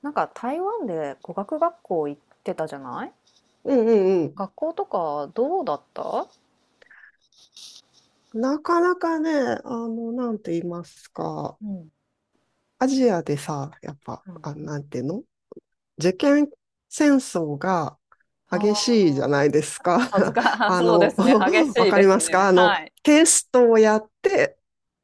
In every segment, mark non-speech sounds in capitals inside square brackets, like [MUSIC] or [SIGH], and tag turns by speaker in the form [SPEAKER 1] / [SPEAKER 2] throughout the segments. [SPEAKER 1] なんか台湾で語学学校行ってたじゃない。
[SPEAKER 2] うんうんうん。
[SPEAKER 1] 学校とかどうだった？
[SPEAKER 2] なかなかね、なんて言いますか、
[SPEAKER 1] うん、
[SPEAKER 2] アジアでさ、やっぱ、なんていうの、受験戦争が激しいじゃないです
[SPEAKER 1] 恥ず
[SPEAKER 2] か。
[SPEAKER 1] か、
[SPEAKER 2] [LAUGHS]
[SPEAKER 1] [LAUGHS] あ、
[SPEAKER 2] あ
[SPEAKER 1] そうで
[SPEAKER 2] の、
[SPEAKER 1] すね。激
[SPEAKER 2] [LAUGHS] わ
[SPEAKER 1] しい
[SPEAKER 2] か
[SPEAKER 1] で
[SPEAKER 2] り
[SPEAKER 1] す
[SPEAKER 2] ますか。
[SPEAKER 1] ね。はい。
[SPEAKER 2] テストをやって、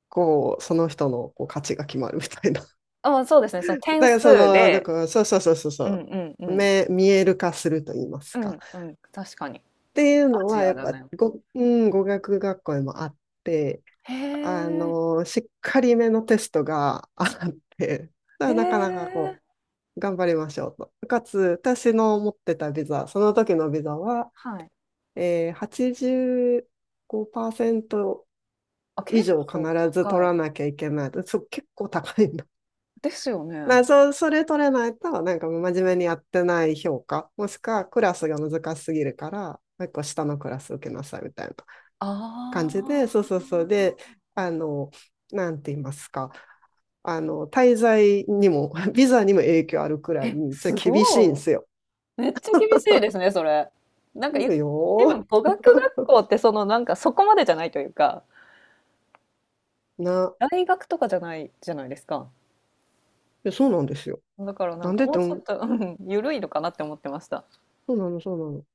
[SPEAKER 2] こう、その人のこう価値が決まるみたいな。
[SPEAKER 1] あ、そうですね。その
[SPEAKER 2] [LAUGHS]
[SPEAKER 1] 点
[SPEAKER 2] だからそ
[SPEAKER 1] 数
[SPEAKER 2] の、だ
[SPEAKER 1] で、
[SPEAKER 2] から、そうそうそうそう
[SPEAKER 1] う
[SPEAKER 2] そ
[SPEAKER 1] んうんう
[SPEAKER 2] う。
[SPEAKER 1] ん。
[SPEAKER 2] 目、見える化すると言いますか。
[SPEAKER 1] うん。確かに。
[SPEAKER 2] っていうの
[SPEAKER 1] アジ
[SPEAKER 2] は、や
[SPEAKER 1] ア
[SPEAKER 2] っ
[SPEAKER 1] だ
[SPEAKER 2] ぱ、
[SPEAKER 1] ね。
[SPEAKER 2] ご、うん、語学学校でもあって、
[SPEAKER 1] へえ。
[SPEAKER 2] しっかりめのテストがあって、だ
[SPEAKER 1] へ
[SPEAKER 2] からなかなかこ
[SPEAKER 1] え。
[SPEAKER 2] う、頑張りましょうと。かつ、私の持ってたビザ、その時のビザは、
[SPEAKER 1] はい。
[SPEAKER 2] 85%
[SPEAKER 1] あ、
[SPEAKER 2] 以
[SPEAKER 1] 結
[SPEAKER 2] 上必
[SPEAKER 1] 構
[SPEAKER 2] ず取
[SPEAKER 1] 高
[SPEAKER 2] ら
[SPEAKER 1] い。
[SPEAKER 2] なきゃいけない。そう、結構高いんだ。
[SPEAKER 1] ですよね。
[SPEAKER 2] それ取れないと、なんか真面目にやってない評価、もしくはクラスが難しすぎるから、もう一個下のクラス受けなさいみたいな
[SPEAKER 1] あ
[SPEAKER 2] 感じで、そうそう
[SPEAKER 1] あ。
[SPEAKER 2] そう。で、あの、なんて言いますか。滞在にも、[LAUGHS] ビザにも影響あるくらい
[SPEAKER 1] え、
[SPEAKER 2] に、ちょっ
[SPEAKER 1] す
[SPEAKER 2] と厳しいんで
[SPEAKER 1] ご
[SPEAKER 2] すよ。
[SPEAKER 1] い。めっちゃ厳しいですね、それ。なんか、
[SPEAKER 2] そう
[SPEAKER 1] でも
[SPEAKER 2] よ。
[SPEAKER 1] 語学学校ってそのなんかそこまでじゃないというか、
[SPEAKER 2] な、
[SPEAKER 1] 大学とかじゃないじゃないですか。
[SPEAKER 2] いやそうなんですよ。
[SPEAKER 1] だからな
[SPEAKER 2] な
[SPEAKER 1] ん
[SPEAKER 2] ん
[SPEAKER 1] か
[SPEAKER 2] でっ
[SPEAKER 1] も
[SPEAKER 2] て、
[SPEAKER 1] うちょっと、ゆるいのかなって思ってました。
[SPEAKER 2] そうなの、そうなの。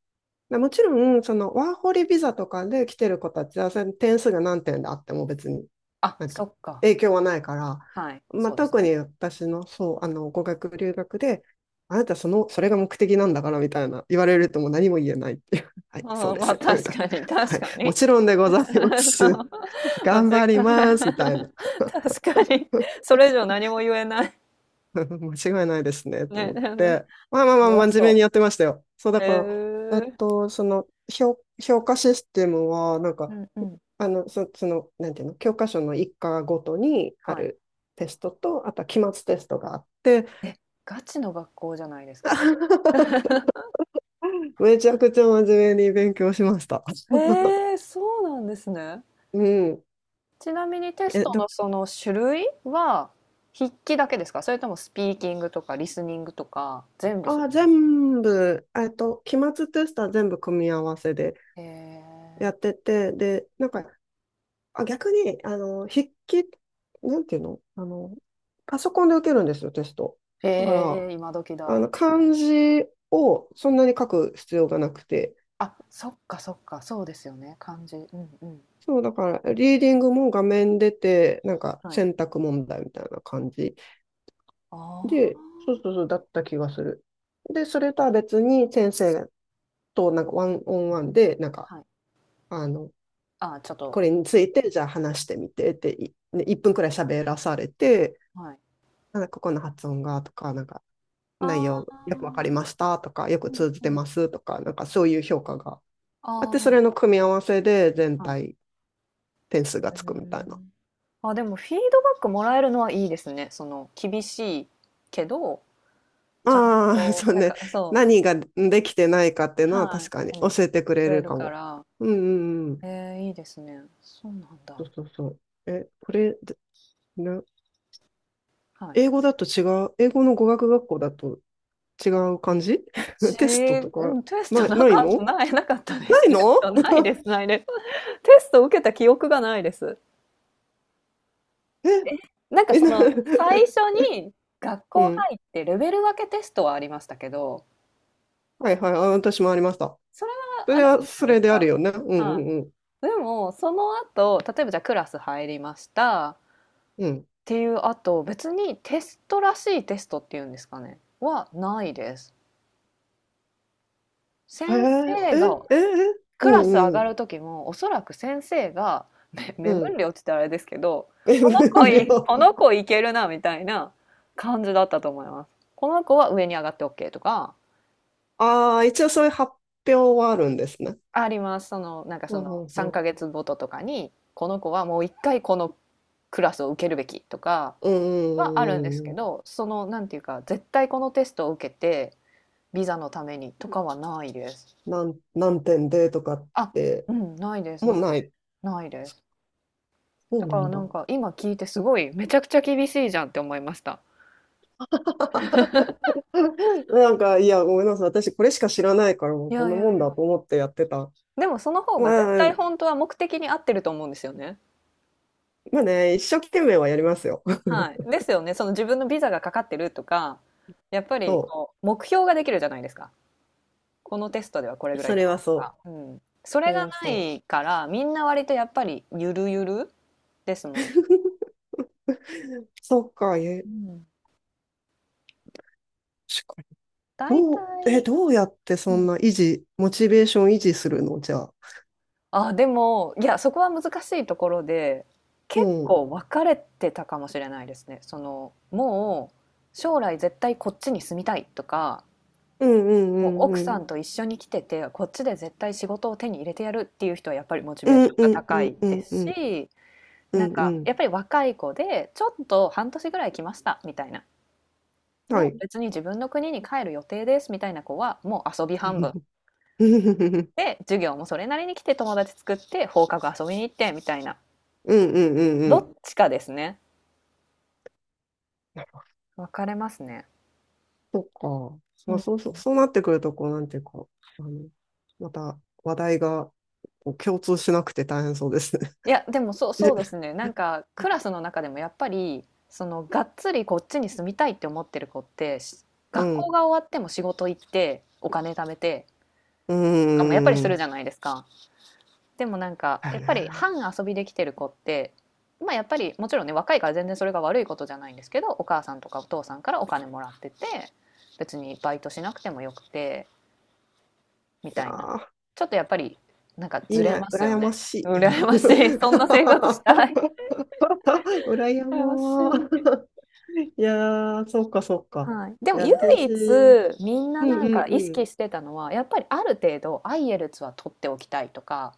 [SPEAKER 2] でもちろん、そのワーホリビザとかで来てる子たちは、それ点数が何点であっても別に、
[SPEAKER 1] あ、
[SPEAKER 2] なん
[SPEAKER 1] そ
[SPEAKER 2] か
[SPEAKER 1] っか。
[SPEAKER 2] 影響はないから、
[SPEAKER 1] はい、
[SPEAKER 2] まあ、
[SPEAKER 1] そうです
[SPEAKER 2] 特
[SPEAKER 1] ね。
[SPEAKER 2] に私の、そう、語学留学で、あなたその、それが目的なんだからみたいな言われるともう何も言えないっていう。[LAUGHS] は
[SPEAKER 1] う
[SPEAKER 2] い、
[SPEAKER 1] ん、
[SPEAKER 2] そうで
[SPEAKER 1] ま
[SPEAKER 2] す
[SPEAKER 1] あ、
[SPEAKER 2] よね、み
[SPEAKER 1] 確
[SPEAKER 2] たいな。
[SPEAKER 1] かに
[SPEAKER 2] は
[SPEAKER 1] 確
[SPEAKER 2] い、
[SPEAKER 1] か
[SPEAKER 2] も
[SPEAKER 1] に。
[SPEAKER 2] ちろんでございま
[SPEAKER 1] [LAUGHS] そ
[SPEAKER 2] す。
[SPEAKER 1] う。
[SPEAKER 2] [LAUGHS]
[SPEAKER 1] まあ、
[SPEAKER 2] 頑
[SPEAKER 1] つい
[SPEAKER 2] 張ります、み
[SPEAKER 1] [LAUGHS]
[SPEAKER 2] たいな。
[SPEAKER 1] 確かに。
[SPEAKER 2] [LAUGHS]
[SPEAKER 1] それ以上何も言えない。
[SPEAKER 2] 間違いないですね、と
[SPEAKER 1] ね。
[SPEAKER 2] 思っ
[SPEAKER 1] [LAUGHS]
[SPEAKER 2] て。まあまあ
[SPEAKER 1] う
[SPEAKER 2] ま
[SPEAKER 1] わ、
[SPEAKER 2] あ、真面目にやってましたよ。そう、だ
[SPEAKER 1] へ
[SPEAKER 2] か
[SPEAKER 1] え。
[SPEAKER 2] ら、えっと、その、評価システムは、
[SPEAKER 1] うんうん。
[SPEAKER 2] その、なんていうの、教科書の一課ごとにあ
[SPEAKER 1] はい。
[SPEAKER 2] るテストと、あとは期末テストがあって、
[SPEAKER 1] ガチですか？
[SPEAKER 2] [LAUGHS] めちゃくちゃ真面目に勉強しました。
[SPEAKER 1] へ
[SPEAKER 2] [LAUGHS]
[SPEAKER 1] え、そうなんですね。
[SPEAKER 2] うん。
[SPEAKER 1] ちなみにテス
[SPEAKER 2] え、
[SPEAKER 1] ト
[SPEAKER 2] ど、
[SPEAKER 1] のその種類は筆記だけですか？それともスピーキングとかリーディングとか全部す、
[SPEAKER 2] あ、全部、えっと、期末テストは全部組み合わせで
[SPEAKER 1] へえ。
[SPEAKER 2] やってて、で、なんか、あ、逆に、筆記、なんていうの、パソコンで受けるんですよ、テスト。
[SPEAKER 1] へ
[SPEAKER 2] だから、
[SPEAKER 1] え、今時だ。は
[SPEAKER 2] 漢
[SPEAKER 1] い。
[SPEAKER 2] 字をそんなに書く必要がなくて、
[SPEAKER 1] あ、そっかそっか、そうですよね、漢字。うんうん。
[SPEAKER 2] そう、だから、リーディングも画面出て、なんか
[SPEAKER 1] はい。
[SPEAKER 2] 選択問題みたいな感じで、
[SPEAKER 1] あ
[SPEAKER 2] そう、だった気がする。で、それとは別に先生となんかワンオンワンで、なんか、
[SPEAKER 1] あ、はい。
[SPEAKER 2] あの、
[SPEAKER 1] あちょっと、
[SPEAKER 2] これについて、じゃあ
[SPEAKER 1] うん、
[SPEAKER 2] 話してみてって、いね、1分くらい喋らされて、
[SPEAKER 1] はい。
[SPEAKER 2] なんかここの発音がとか、なんか内
[SPEAKER 1] あ
[SPEAKER 2] 容よく
[SPEAKER 1] あ、
[SPEAKER 2] わかりましたとか、よく
[SPEAKER 1] うん
[SPEAKER 2] 通じ
[SPEAKER 1] う
[SPEAKER 2] て
[SPEAKER 1] ん。
[SPEAKER 2] ますとか、なんかそういう評価があっ
[SPEAKER 1] あ
[SPEAKER 2] て、それの組み合わせで全
[SPEAKER 1] あ、はい。
[SPEAKER 2] 体点数
[SPEAKER 1] へ
[SPEAKER 2] がつくみたい
[SPEAKER 1] え。
[SPEAKER 2] な。
[SPEAKER 1] あ、でもフィードバックもらえるのはいいですね。その、厳しいけど、ちゃん
[SPEAKER 2] ああ、[LAUGHS]
[SPEAKER 1] と、
[SPEAKER 2] そう
[SPEAKER 1] なん
[SPEAKER 2] ね。
[SPEAKER 1] か、そう、
[SPEAKER 2] 何ができてないかっていうのは
[SPEAKER 1] は
[SPEAKER 2] 確
[SPEAKER 1] い、
[SPEAKER 2] かに
[SPEAKER 1] 手に
[SPEAKER 2] 教えてく
[SPEAKER 1] く
[SPEAKER 2] れ
[SPEAKER 1] れ
[SPEAKER 2] る
[SPEAKER 1] る
[SPEAKER 2] か
[SPEAKER 1] か
[SPEAKER 2] も。
[SPEAKER 1] ら、
[SPEAKER 2] うんうんうん。
[SPEAKER 1] えー、いいですね。そうなんだ。
[SPEAKER 2] そう。え、これ、で、な、
[SPEAKER 1] はい。
[SPEAKER 2] 英語だと違う、英語の語学学校だと違う感じ。
[SPEAKER 1] ち
[SPEAKER 2] [LAUGHS] テストと
[SPEAKER 1] う
[SPEAKER 2] か、
[SPEAKER 1] ん、テス
[SPEAKER 2] な
[SPEAKER 1] ト
[SPEAKER 2] い、
[SPEAKER 1] な
[SPEAKER 2] ない
[SPEAKER 1] かった
[SPEAKER 2] の
[SPEAKER 1] ないなかったで
[SPEAKER 2] な
[SPEAKER 1] す。
[SPEAKER 2] い
[SPEAKER 1] テス
[SPEAKER 2] の
[SPEAKER 1] トないですないです。テスト受けた記憶がないです。
[SPEAKER 2] [LAUGHS] え、
[SPEAKER 1] なんか
[SPEAKER 2] え、
[SPEAKER 1] そ
[SPEAKER 2] な、
[SPEAKER 1] の、最初
[SPEAKER 2] [LAUGHS]
[SPEAKER 1] に学
[SPEAKER 2] う
[SPEAKER 1] 校
[SPEAKER 2] ん。
[SPEAKER 1] 入ってレベル分けテストはありましたけど、
[SPEAKER 2] はいはい。あ、私もありました。
[SPEAKER 1] それは
[SPEAKER 2] そ
[SPEAKER 1] あ
[SPEAKER 2] れ
[SPEAKER 1] る
[SPEAKER 2] は、
[SPEAKER 1] じゃな
[SPEAKER 2] そ
[SPEAKER 1] いで
[SPEAKER 2] れ
[SPEAKER 1] す
[SPEAKER 2] である
[SPEAKER 1] か。
[SPEAKER 2] よね。うん
[SPEAKER 1] は
[SPEAKER 2] うん
[SPEAKER 1] い。
[SPEAKER 2] うん。
[SPEAKER 1] でも、その後、例えばじゃあクラス入りましたっ
[SPEAKER 2] うん。
[SPEAKER 1] ていう後、別にテストらしいテストっていうんですかね、はないです。
[SPEAKER 2] へ
[SPEAKER 1] 先
[SPEAKER 2] え、
[SPEAKER 1] 生が
[SPEAKER 2] え、え、う
[SPEAKER 1] クラス上
[SPEAKER 2] んう
[SPEAKER 1] が
[SPEAKER 2] ん。
[SPEAKER 1] る時もおそらく先生がめ
[SPEAKER 2] う
[SPEAKER 1] [LAUGHS] 目
[SPEAKER 2] ん。
[SPEAKER 1] 分量って言ったらあれですけど、
[SPEAKER 2] え、[LAUGHS] 無
[SPEAKER 1] この子い
[SPEAKER 2] 料。
[SPEAKER 1] この子いけるなみたいな感じだったと思います。この子は上に上がって OK とか、
[SPEAKER 2] ああ、一応そういう発表はあるんですね。
[SPEAKER 1] ありますその、なんかそ
[SPEAKER 2] う
[SPEAKER 1] の
[SPEAKER 2] んうんう
[SPEAKER 1] 3
[SPEAKER 2] ん。
[SPEAKER 1] ヶ月ごととかにこの子はもう一回このクラスを受けるべきとか
[SPEAKER 2] うん
[SPEAKER 1] はあるんです
[SPEAKER 2] うん
[SPEAKER 1] け
[SPEAKER 2] うん。
[SPEAKER 1] ど、そのなんていうか、絶対このテストを受けてビザのためにとかはないです。
[SPEAKER 2] なん、何点でとかっ
[SPEAKER 1] あ
[SPEAKER 2] て、
[SPEAKER 1] うん、ないです
[SPEAKER 2] も
[SPEAKER 1] ない
[SPEAKER 2] うない。
[SPEAKER 1] ないです。
[SPEAKER 2] そ
[SPEAKER 1] だ
[SPEAKER 2] う
[SPEAKER 1] か
[SPEAKER 2] な
[SPEAKER 1] ら
[SPEAKER 2] ん
[SPEAKER 1] な
[SPEAKER 2] だ。
[SPEAKER 1] んか今聞いてすごいめちゃくちゃ厳しいじゃんって思いました。
[SPEAKER 2] [LAUGHS] なんか、いや、ごめんなさい。私、これしか知らないから、も
[SPEAKER 1] い
[SPEAKER 2] うこ
[SPEAKER 1] や
[SPEAKER 2] ん
[SPEAKER 1] い
[SPEAKER 2] な
[SPEAKER 1] やい
[SPEAKER 2] もんだ
[SPEAKER 1] や。
[SPEAKER 2] と思ってやってた。
[SPEAKER 1] でもその方が絶
[SPEAKER 2] まあ、
[SPEAKER 1] 対本当は目的に合ってると思うんですよね。
[SPEAKER 2] まあね、一生懸命はやりますよ。[LAUGHS]
[SPEAKER 1] はい。ですよね。その自分のビザがかかってるとか、やっぱり
[SPEAKER 2] そ
[SPEAKER 1] こう目標ができるじゃないですか。このテストではこれ
[SPEAKER 2] う。
[SPEAKER 1] ぐらい
[SPEAKER 2] そ
[SPEAKER 1] 取
[SPEAKER 2] れ
[SPEAKER 1] ろ
[SPEAKER 2] は
[SPEAKER 1] うと
[SPEAKER 2] そ
[SPEAKER 1] か。
[SPEAKER 2] う。
[SPEAKER 1] うん。そ
[SPEAKER 2] そ
[SPEAKER 1] れ
[SPEAKER 2] れ
[SPEAKER 1] が
[SPEAKER 2] は
[SPEAKER 1] な
[SPEAKER 2] そ
[SPEAKER 1] いからみんな割とやっぱりゆるゆるですもんね。
[SPEAKER 2] う。[LAUGHS] そっか、え、
[SPEAKER 1] うん。
[SPEAKER 2] 確かに。
[SPEAKER 1] 大体、
[SPEAKER 2] どうやってそんな維持、モチベーション維持するのじゃあ。
[SPEAKER 1] あ、でも、いや、そこは難しいところで、
[SPEAKER 2] う
[SPEAKER 1] 結
[SPEAKER 2] ん。
[SPEAKER 1] 構分かれてたかもしれないですね。その、もう将来絶対こっちに住みたいとか、
[SPEAKER 2] うんうん
[SPEAKER 1] もう
[SPEAKER 2] う
[SPEAKER 1] 奥
[SPEAKER 2] んう
[SPEAKER 1] さ
[SPEAKER 2] ん。
[SPEAKER 1] んと一緒に来てて、こっちで絶対仕事を手に入れてやるっていう人はやっぱりモチ
[SPEAKER 2] う
[SPEAKER 1] ベーシ
[SPEAKER 2] ん
[SPEAKER 1] ョン
[SPEAKER 2] う
[SPEAKER 1] が
[SPEAKER 2] ん
[SPEAKER 1] 高
[SPEAKER 2] う
[SPEAKER 1] い
[SPEAKER 2] んう
[SPEAKER 1] で
[SPEAKER 2] んう
[SPEAKER 1] す
[SPEAKER 2] ん
[SPEAKER 1] し、
[SPEAKER 2] うんう
[SPEAKER 1] なん
[SPEAKER 2] ん
[SPEAKER 1] か
[SPEAKER 2] うん。
[SPEAKER 1] やっぱり若い子で、ちょっと半年ぐらい来ましたみたいな。も
[SPEAKER 2] は
[SPEAKER 1] う
[SPEAKER 2] い。
[SPEAKER 1] 別に自分の国に帰る予定ですみたいな子は、もう遊び半分。
[SPEAKER 2] [LAUGHS] うん
[SPEAKER 1] で、授業もそれなりに来て友達作って放課後遊びに行ってみたいな。
[SPEAKER 2] うんうんう
[SPEAKER 1] ど
[SPEAKER 2] ん。
[SPEAKER 1] っちかですね。分かれますね。
[SPEAKER 2] そっか。
[SPEAKER 1] う
[SPEAKER 2] ま
[SPEAKER 1] ん。
[SPEAKER 2] あ
[SPEAKER 1] い
[SPEAKER 2] そうそう、そうなってくると、こう、なんていうか、あの、また話題がこう共通しなくて大変そうですね。
[SPEAKER 1] や、でも、
[SPEAKER 2] [LAUGHS]
[SPEAKER 1] そ
[SPEAKER 2] で、
[SPEAKER 1] うですね。なんかクラスの中でもやっぱり、そのがっつりこっちに住みたいって思ってる子って、
[SPEAKER 2] う
[SPEAKER 1] 学校
[SPEAKER 2] ん。
[SPEAKER 1] が終わっても仕事行って、お金貯めて
[SPEAKER 2] う
[SPEAKER 1] とかもやっぱり
[SPEAKER 2] ー
[SPEAKER 1] する
[SPEAKER 2] ん。
[SPEAKER 1] じゃないですか。でもなんか
[SPEAKER 2] だよ
[SPEAKER 1] やっ
[SPEAKER 2] ね。
[SPEAKER 1] ぱり半遊びできてる子って、まあやっぱりもちろんね、若いから全然それが悪いことじゃないんですけど、お母さんとかお父さんからお金もらってて、別にバイトしなくてもよくて、み
[SPEAKER 2] いや
[SPEAKER 1] たいな。
[SPEAKER 2] ー、
[SPEAKER 1] ちょっとやっぱり、なんか
[SPEAKER 2] い
[SPEAKER 1] ず
[SPEAKER 2] い
[SPEAKER 1] れ
[SPEAKER 2] ね。
[SPEAKER 1] ますよ
[SPEAKER 2] 羨ま
[SPEAKER 1] ね。
[SPEAKER 2] し
[SPEAKER 1] ね。
[SPEAKER 2] い。
[SPEAKER 1] 羨まし
[SPEAKER 2] [LAUGHS]
[SPEAKER 1] い。[LAUGHS] そんな生活したい。
[SPEAKER 2] 羨
[SPEAKER 1] 羨まし
[SPEAKER 2] まー。
[SPEAKER 1] い。
[SPEAKER 2] [LAUGHS] いやー、そっかそっか。
[SPEAKER 1] はい。で
[SPEAKER 2] い
[SPEAKER 1] も
[SPEAKER 2] や、
[SPEAKER 1] 唯一、
[SPEAKER 2] 私、
[SPEAKER 1] みんな
[SPEAKER 2] うんう
[SPEAKER 1] なんか
[SPEAKER 2] ん
[SPEAKER 1] 意
[SPEAKER 2] うん。
[SPEAKER 1] 識してたのは、やっぱりある程度、アイエルツは取っておきたいとか、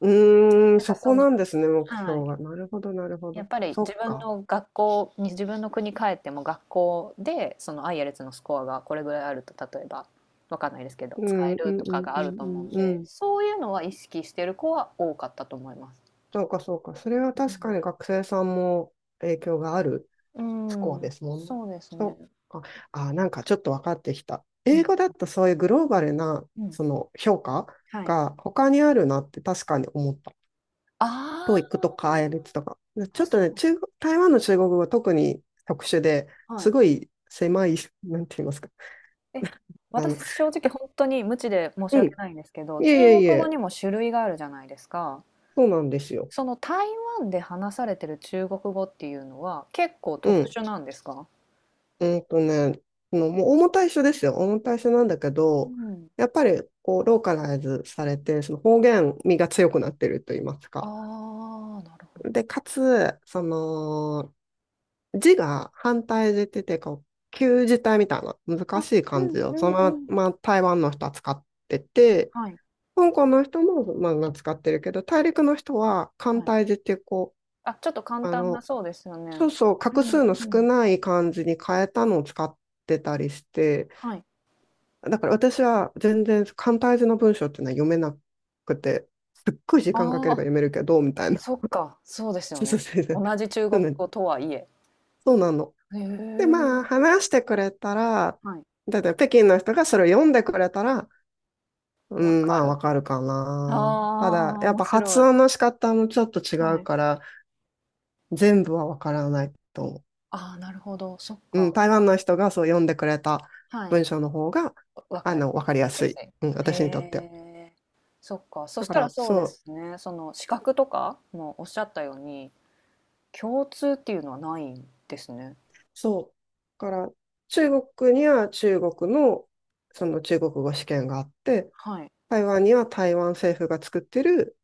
[SPEAKER 2] うーん、
[SPEAKER 1] なんか
[SPEAKER 2] そ
[SPEAKER 1] そ
[SPEAKER 2] こ
[SPEAKER 1] の、
[SPEAKER 2] なんですね、目
[SPEAKER 1] は
[SPEAKER 2] 標
[SPEAKER 1] い。
[SPEAKER 2] が。なるほど、なるほ
[SPEAKER 1] や
[SPEAKER 2] ど。
[SPEAKER 1] っぱり
[SPEAKER 2] そ
[SPEAKER 1] 自
[SPEAKER 2] っ
[SPEAKER 1] 分
[SPEAKER 2] か。
[SPEAKER 1] の学校に、自分の国帰っても学校で、そのアイエルツのスコアがこれぐらいあると、例えば、わかんないですけど、
[SPEAKER 2] う
[SPEAKER 1] 使
[SPEAKER 2] ん、
[SPEAKER 1] え
[SPEAKER 2] うん、う
[SPEAKER 1] るとか
[SPEAKER 2] ん、
[SPEAKER 1] が
[SPEAKER 2] う
[SPEAKER 1] あると思う
[SPEAKER 2] ん、
[SPEAKER 1] ん
[SPEAKER 2] うん。う
[SPEAKER 1] で、
[SPEAKER 2] ん、
[SPEAKER 1] そういうのは意識してる子は多かったと思います。
[SPEAKER 2] そうか、そうか。それは確かに学生さんも影響がある
[SPEAKER 1] う
[SPEAKER 2] スコアで
[SPEAKER 1] ん、
[SPEAKER 2] すもんね。
[SPEAKER 1] そうです
[SPEAKER 2] そ
[SPEAKER 1] ね。
[SPEAKER 2] っか。あ、なんかちょっと分かってきた。英語だとそういうグローバルな、
[SPEAKER 1] うん、
[SPEAKER 2] その評価
[SPEAKER 1] はい。
[SPEAKER 2] が他にあるなって確かに思った。ト o e
[SPEAKER 1] あ
[SPEAKER 2] とか IELTS とか。ち
[SPEAKER 1] あ、
[SPEAKER 2] ょっ
[SPEAKER 1] 確
[SPEAKER 2] と
[SPEAKER 1] か
[SPEAKER 2] ね、
[SPEAKER 1] に。
[SPEAKER 2] 中国、台湾の中国語は特に特殊で
[SPEAKER 1] は
[SPEAKER 2] す
[SPEAKER 1] い。
[SPEAKER 2] ごい狭い、なんて言いますか。
[SPEAKER 1] え、
[SPEAKER 2] あの、
[SPEAKER 1] 私正直本当に無知で申し
[SPEAKER 2] うん。
[SPEAKER 1] 訳
[SPEAKER 2] い
[SPEAKER 1] ないんですけど、中
[SPEAKER 2] えいえい
[SPEAKER 1] 国語
[SPEAKER 2] え、
[SPEAKER 1] にも種類があるじゃないですか。
[SPEAKER 2] そうなんですよ。
[SPEAKER 1] その台湾で話されてる中国語っていうのは、結構
[SPEAKER 2] う
[SPEAKER 1] 特
[SPEAKER 2] ん。
[SPEAKER 1] 殊なんですか？
[SPEAKER 2] うんとね、そのもう、重たい緒ですよ。重たい緒なんだけ
[SPEAKER 1] う
[SPEAKER 2] ど、
[SPEAKER 1] ん。
[SPEAKER 2] やっぱり、こう、ローカライズされて、その方言味が強くなってると言います
[SPEAKER 1] あ
[SPEAKER 2] か。
[SPEAKER 1] あ、なるほ
[SPEAKER 2] で、かつ、その、字が反対字ってて、こう、旧字体みたいな
[SPEAKER 1] ど、
[SPEAKER 2] 難
[SPEAKER 1] あ、
[SPEAKER 2] しい
[SPEAKER 1] う
[SPEAKER 2] 漢字
[SPEAKER 1] んう
[SPEAKER 2] を、そ
[SPEAKER 1] んう
[SPEAKER 2] の
[SPEAKER 1] ん。
[SPEAKER 2] まま台湾の人は使ってて、
[SPEAKER 1] はい
[SPEAKER 2] 香港の人も、まあ、使ってるけど、大陸の人は、簡
[SPEAKER 1] はい。
[SPEAKER 2] 体字っていう、こ
[SPEAKER 1] あ、ちょっと
[SPEAKER 2] う、
[SPEAKER 1] 簡単な、そうですよ
[SPEAKER 2] そ
[SPEAKER 1] ね。
[SPEAKER 2] うそう、
[SPEAKER 1] う
[SPEAKER 2] 画
[SPEAKER 1] ん
[SPEAKER 2] 数の
[SPEAKER 1] う
[SPEAKER 2] 少
[SPEAKER 1] ん。
[SPEAKER 2] ない漢字に変えたのを使ってたりして、
[SPEAKER 1] はい。
[SPEAKER 2] だから私は全然簡体字の文章っていうのは読めなくて、すっごい時間かけ
[SPEAKER 1] あ
[SPEAKER 2] れば
[SPEAKER 1] あ、
[SPEAKER 2] 読めるけど、みたいな。
[SPEAKER 1] そっか、そうですよ
[SPEAKER 2] そうそ
[SPEAKER 1] ね。
[SPEAKER 2] うそうそう。
[SPEAKER 1] 同じ中
[SPEAKER 2] そう
[SPEAKER 1] 国
[SPEAKER 2] なの
[SPEAKER 1] 語とはいえ。
[SPEAKER 2] そうなの。
[SPEAKER 1] へ
[SPEAKER 2] で、
[SPEAKER 1] え、
[SPEAKER 2] まあ、話してくれたら、
[SPEAKER 1] はい。
[SPEAKER 2] だって北京の人がそれを読んでくれたら、
[SPEAKER 1] わ
[SPEAKER 2] うん、
[SPEAKER 1] か
[SPEAKER 2] まあ、
[SPEAKER 1] る。
[SPEAKER 2] わかるか
[SPEAKER 1] あ
[SPEAKER 2] な。ただ、
[SPEAKER 1] あ、
[SPEAKER 2] やっ
[SPEAKER 1] 面
[SPEAKER 2] ぱ発
[SPEAKER 1] 白い。
[SPEAKER 2] 音の仕方もちょっと違
[SPEAKER 1] は
[SPEAKER 2] う
[SPEAKER 1] い。
[SPEAKER 2] から、全部はわからないと思う。
[SPEAKER 1] ああ、なるほど。そっ
[SPEAKER 2] うん、
[SPEAKER 1] か。
[SPEAKER 2] 台湾の人がそう読んでくれた
[SPEAKER 1] はい。
[SPEAKER 2] 文章の方が、
[SPEAKER 1] わかり
[SPEAKER 2] わかりや
[SPEAKER 1] や
[SPEAKER 2] す
[SPEAKER 1] す
[SPEAKER 2] い。
[SPEAKER 1] い。
[SPEAKER 2] うん、
[SPEAKER 1] へ
[SPEAKER 2] 私にとっては。
[SPEAKER 1] え、そっか。そ
[SPEAKER 2] だ
[SPEAKER 1] し
[SPEAKER 2] か
[SPEAKER 1] たら
[SPEAKER 2] ら、
[SPEAKER 1] そうで
[SPEAKER 2] そう、
[SPEAKER 1] すね。その資格とかもおっしゃったように、共通っていうのはないんですね。
[SPEAKER 2] そう。だから、中国には中国の、その中国語試験があって、
[SPEAKER 1] はい。
[SPEAKER 2] 台湾には台湾政府が作ってる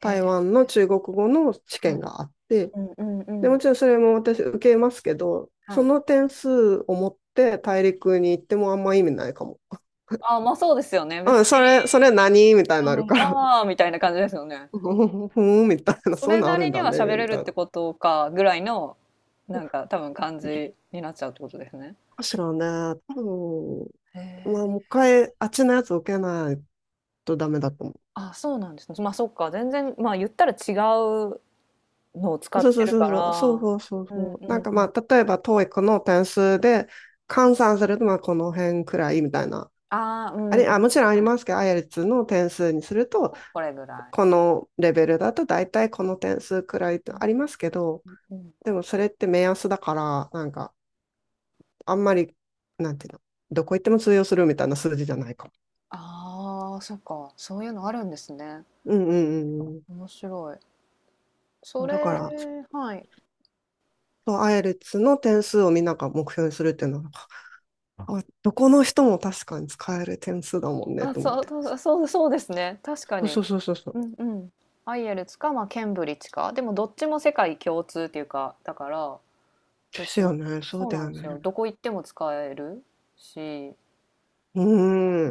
[SPEAKER 1] へえ。
[SPEAKER 2] 湾の中国語の試
[SPEAKER 1] は
[SPEAKER 2] 験
[SPEAKER 1] い。
[SPEAKER 2] があって、
[SPEAKER 1] うんうん
[SPEAKER 2] で、
[SPEAKER 1] う
[SPEAKER 2] も
[SPEAKER 1] ん。
[SPEAKER 2] ちろんそれも私受けますけど、
[SPEAKER 1] は
[SPEAKER 2] そ
[SPEAKER 1] い。
[SPEAKER 2] の点数を持って大陸に行ってもあんま意味ないかも。
[SPEAKER 1] ああ、ま、そうですよね。別
[SPEAKER 2] うん、それ
[SPEAKER 1] に、
[SPEAKER 2] 何みたいになる
[SPEAKER 1] う
[SPEAKER 2] か
[SPEAKER 1] ん、
[SPEAKER 2] ら。
[SPEAKER 1] ああ、みたいな感じですよね。
[SPEAKER 2] [LAUGHS] ふーん、みたいな、
[SPEAKER 1] そ
[SPEAKER 2] そういう
[SPEAKER 1] れ
[SPEAKER 2] のあ
[SPEAKER 1] な
[SPEAKER 2] る
[SPEAKER 1] り
[SPEAKER 2] ん
[SPEAKER 1] に
[SPEAKER 2] だ
[SPEAKER 1] は
[SPEAKER 2] ね、
[SPEAKER 1] 喋れ
[SPEAKER 2] み
[SPEAKER 1] るっ
[SPEAKER 2] たいな。
[SPEAKER 1] てことかぐらいの、なんか多分感
[SPEAKER 2] いい
[SPEAKER 1] じになっちゃうってことですね。
[SPEAKER 2] かしらね、多分、
[SPEAKER 1] へ
[SPEAKER 2] ま
[SPEAKER 1] え。
[SPEAKER 2] あ、もう一回、あっちのやつ受けないとダメだと思
[SPEAKER 1] あ、そうなんですね。まあそっか、全然、まあ言ったら違うのを使
[SPEAKER 2] う。
[SPEAKER 1] っ
[SPEAKER 2] そう
[SPEAKER 1] て
[SPEAKER 2] そう
[SPEAKER 1] る
[SPEAKER 2] そ
[SPEAKER 1] か
[SPEAKER 2] うそう、そう
[SPEAKER 1] ら。
[SPEAKER 2] そうそう
[SPEAKER 1] うん
[SPEAKER 2] そう。
[SPEAKER 1] う
[SPEAKER 2] なん
[SPEAKER 1] ん
[SPEAKER 2] か
[SPEAKER 1] う
[SPEAKER 2] ま
[SPEAKER 1] ん。
[SPEAKER 2] あ、例えば、トーイックの点数で換算すると、まあ、この辺くらいみたいな。
[SPEAKER 1] ああ、う
[SPEAKER 2] あ
[SPEAKER 1] ん、はい。
[SPEAKER 2] れ、あ、もちろんありますけど、アイエルツの点数にすると、
[SPEAKER 1] これぐら
[SPEAKER 2] このレベルだと大体この点数くらいって
[SPEAKER 1] い。
[SPEAKER 2] ありますけど、
[SPEAKER 1] うん、うん。
[SPEAKER 2] でもそれって目安だから、なんか、あんまり、なんていうの、どこ行っても通用するみたいな数字じゃないか。
[SPEAKER 1] ああ、そっか。そういうのあるんですね。
[SPEAKER 2] うんうんうんうん。
[SPEAKER 1] 面白い。そ
[SPEAKER 2] そう、だか
[SPEAKER 1] れ、
[SPEAKER 2] ら、ちょっ
[SPEAKER 1] はい。
[SPEAKER 2] とアイエルツの点数をみんなが目標にするっていうのは、あ、どこの人も確かに使える点数だもんね
[SPEAKER 1] あ、
[SPEAKER 2] と思っ
[SPEAKER 1] そう、
[SPEAKER 2] て。
[SPEAKER 1] そうそうですね。確か
[SPEAKER 2] そう
[SPEAKER 1] に。
[SPEAKER 2] そうそうそうそう。
[SPEAKER 1] うんうん。アイエルツか、まあ、ケンブリッジか。でもどっちも世界共通っていうか、だから、
[SPEAKER 2] です
[SPEAKER 1] 別に、
[SPEAKER 2] よね。そう
[SPEAKER 1] そう
[SPEAKER 2] だ
[SPEAKER 1] なん
[SPEAKER 2] よ
[SPEAKER 1] ですよ。
[SPEAKER 2] ね。
[SPEAKER 1] どこ行っても使えるし、
[SPEAKER 2] う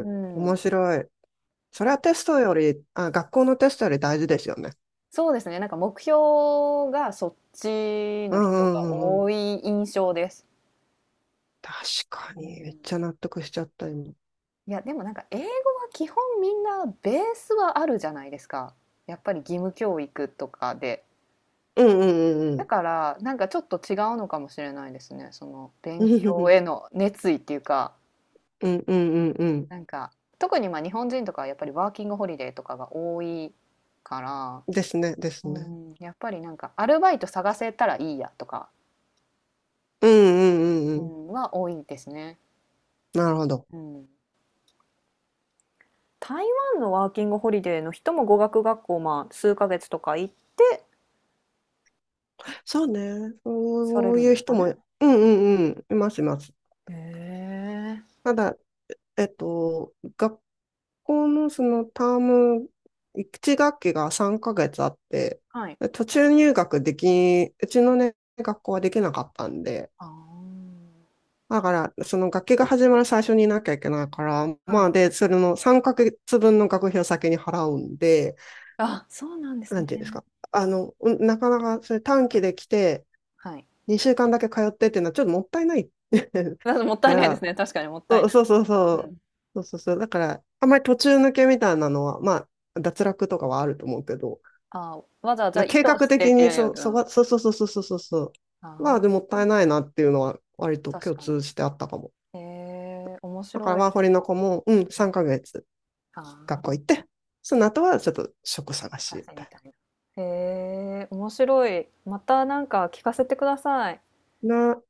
[SPEAKER 2] ーん。面
[SPEAKER 1] ん。
[SPEAKER 2] 白い。それは
[SPEAKER 1] え、
[SPEAKER 2] テストより、あ、学校のテストより大事ですよね。
[SPEAKER 1] そうですね。なんか目標がそっち
[SPEAKER 2] う
[SPEAKER 1] の
[SPEAKER 2] んう
[SPEAKER 1] 人が
[SPEAKER 2] んうんうん。
[SPEAKER 1] 多い印象です。
[SPEAKER 2] 確か
[SPEAKER 1] う
[SPEAKER 2] に。めっ
[SPEAKER 1] ん。
[SPEAKER 2] ちゃ納得しちゃった、今。
[SPEAKER 1] いや、でもなんか英語は基本みんなベースはあるじゃないですか。やっぱり義務教育とかで。
[SPEAKER 2] うんう
[SPEAKER 1] だ
[SPEAKER 2] ん
[SPEAKER 1] からなんかちょっと違うのかもしれないですね。その
[SPEAKER 2] う
[SPEAKER 1] 勉
[SPEAKER 2] んう
[SPEAKER 1] 強
[SPEAKER 2] ん。
[SPEAKER 1] への熱意っていうか。
[SPEAKER 2] うんうんうんう
[SPEAKER 1] なんか特にまあ日本人とかはやっぱりワーキングホリデーとかが多いから、
[SPEAKER 2] ん。ですね、です
[SPEAKER 1] う
[SPEAKER 2] ね。
[SPEAKER 1] ん、やっぱりなんかアルバイト探せたらいいやとか、
[SPEAKER 2] うんうんうん
[SPEAKER 1] う
[SPEAKER 2] うん。
[SPEAKER 1] ん、は多いですね。
[SPEAKER 2] なるほど。
[SPEAKER 1] うん、台湾のワーキングホリデーの人も語学学校、まあ、数ヶ月とか行って
[SPEAKER 2] そうね。
[SPEAKER 1] され
[SPEAKER 2] そう
[SPEAKER 1] るん
[SPEAKER 2] いう
[SPEAKER 1] ですか
[SPEAKER 2] 人も、う
[SPEAKER 1] ね。
[SPEAKER 2] んうんうん、いますいます。
[SPEAKER 1] へえ。
[SPEAKER 2] ただ、えっと、学校のそのターム、1学期が3ヶ月あって、
[SPEAKER 1] はい。
[SPEAKER 2] で途中入学でき、うちのね、学校はできなかったんで、
[SPEAKER 1] あ
[SPEAKER 2] だから、その学期が始まる最初にいなきゃいけないから、
[SPEAKER 1] あ。は
[SPEAKER 2] ま
[SPEAKER 1] い。
[SPEAKER 2] あで、それの3ヶ月分の学費を先に払うんで、
[SPEAKER 1] あ、そうなんです
[SPEAKER 2] なんていうんです
[SPEAKER 1] ね。
[SPEAKER 2] か。うん、なかなかそれ短期で来て、
[SPEAKER 1] はい。
[SPEAKER 2] 2週間だけ通ってっていうのはちょっともったいない
[SPEAKER 1] だってもっ
[SPEAKER 2] [LAUGHS]
[SPEAKER 1] た
[SPEAKER 2] か
[SPEAKER 1] いないです
[SPEAKER 2] ら、
[SPEAKER 1] ね。確かにもった
[SPEAKER 2] そ
[SPEAKER 1] い
[SPEAKER 2] う
[SPEAKER 1] ない。
[SPEAKER 2] そうそうそ
[SPEAKER 1] う
[SPEAKER 2] う。
[SPEAKER 1] ん。
[SPEAKER 2] そう。だから、あんまり途中抜けみたいなのは、まあ、脱落とかはあると思うけど、
[SPEAKER 1] ああ、わざわざ意
[SPEAKER 2] 計
[SPEAKER 1] 図
[SPEAKER 2] 画
[SPEAKER 1] してっ
[SPEAKER 2] 的
[SPEAKER 1] て
[SPEAKER 2] に
[SPEAKER 1] いうよりは、うん、
[SPEAKER 2] そうそうそうそうそうそうそ
[SPEAKER 1] あ
[SPEAKER 2] う。まあ、でも
[SPEAKER 1] あ、
[SPEAKER 2] ったいないなっていうのは、割と
[SPEAKER 1] 確
[SPEAKER 2] 共
[SPEAKER 1] かに。
[SPEAKER 2] 通してあったかも。
[SPEAKER 1] へえ、面
[SPEAKER 2] だから、
[SPEAKER 1] 白い。
[SPEAKER 2] ワーホリの子も、うん、3ヶ月
[SPEAKER 1] あ
[SPEAKER 2] 学校
[SPEAKER 1] あ、
[SPEAKER 2] 行って、その後はちょっと職探し
[SPEAKER 1] 写
[SPEAKER 2] み
[SPEAKER 1] 真
[SPEAKER 2] た
[SPEAKER 1] み
[SPEAKER 2] い
[SPEAKER 1] たいな。へえ、面白い。またなんか聞かせてください。
[SPEAKER 2] な。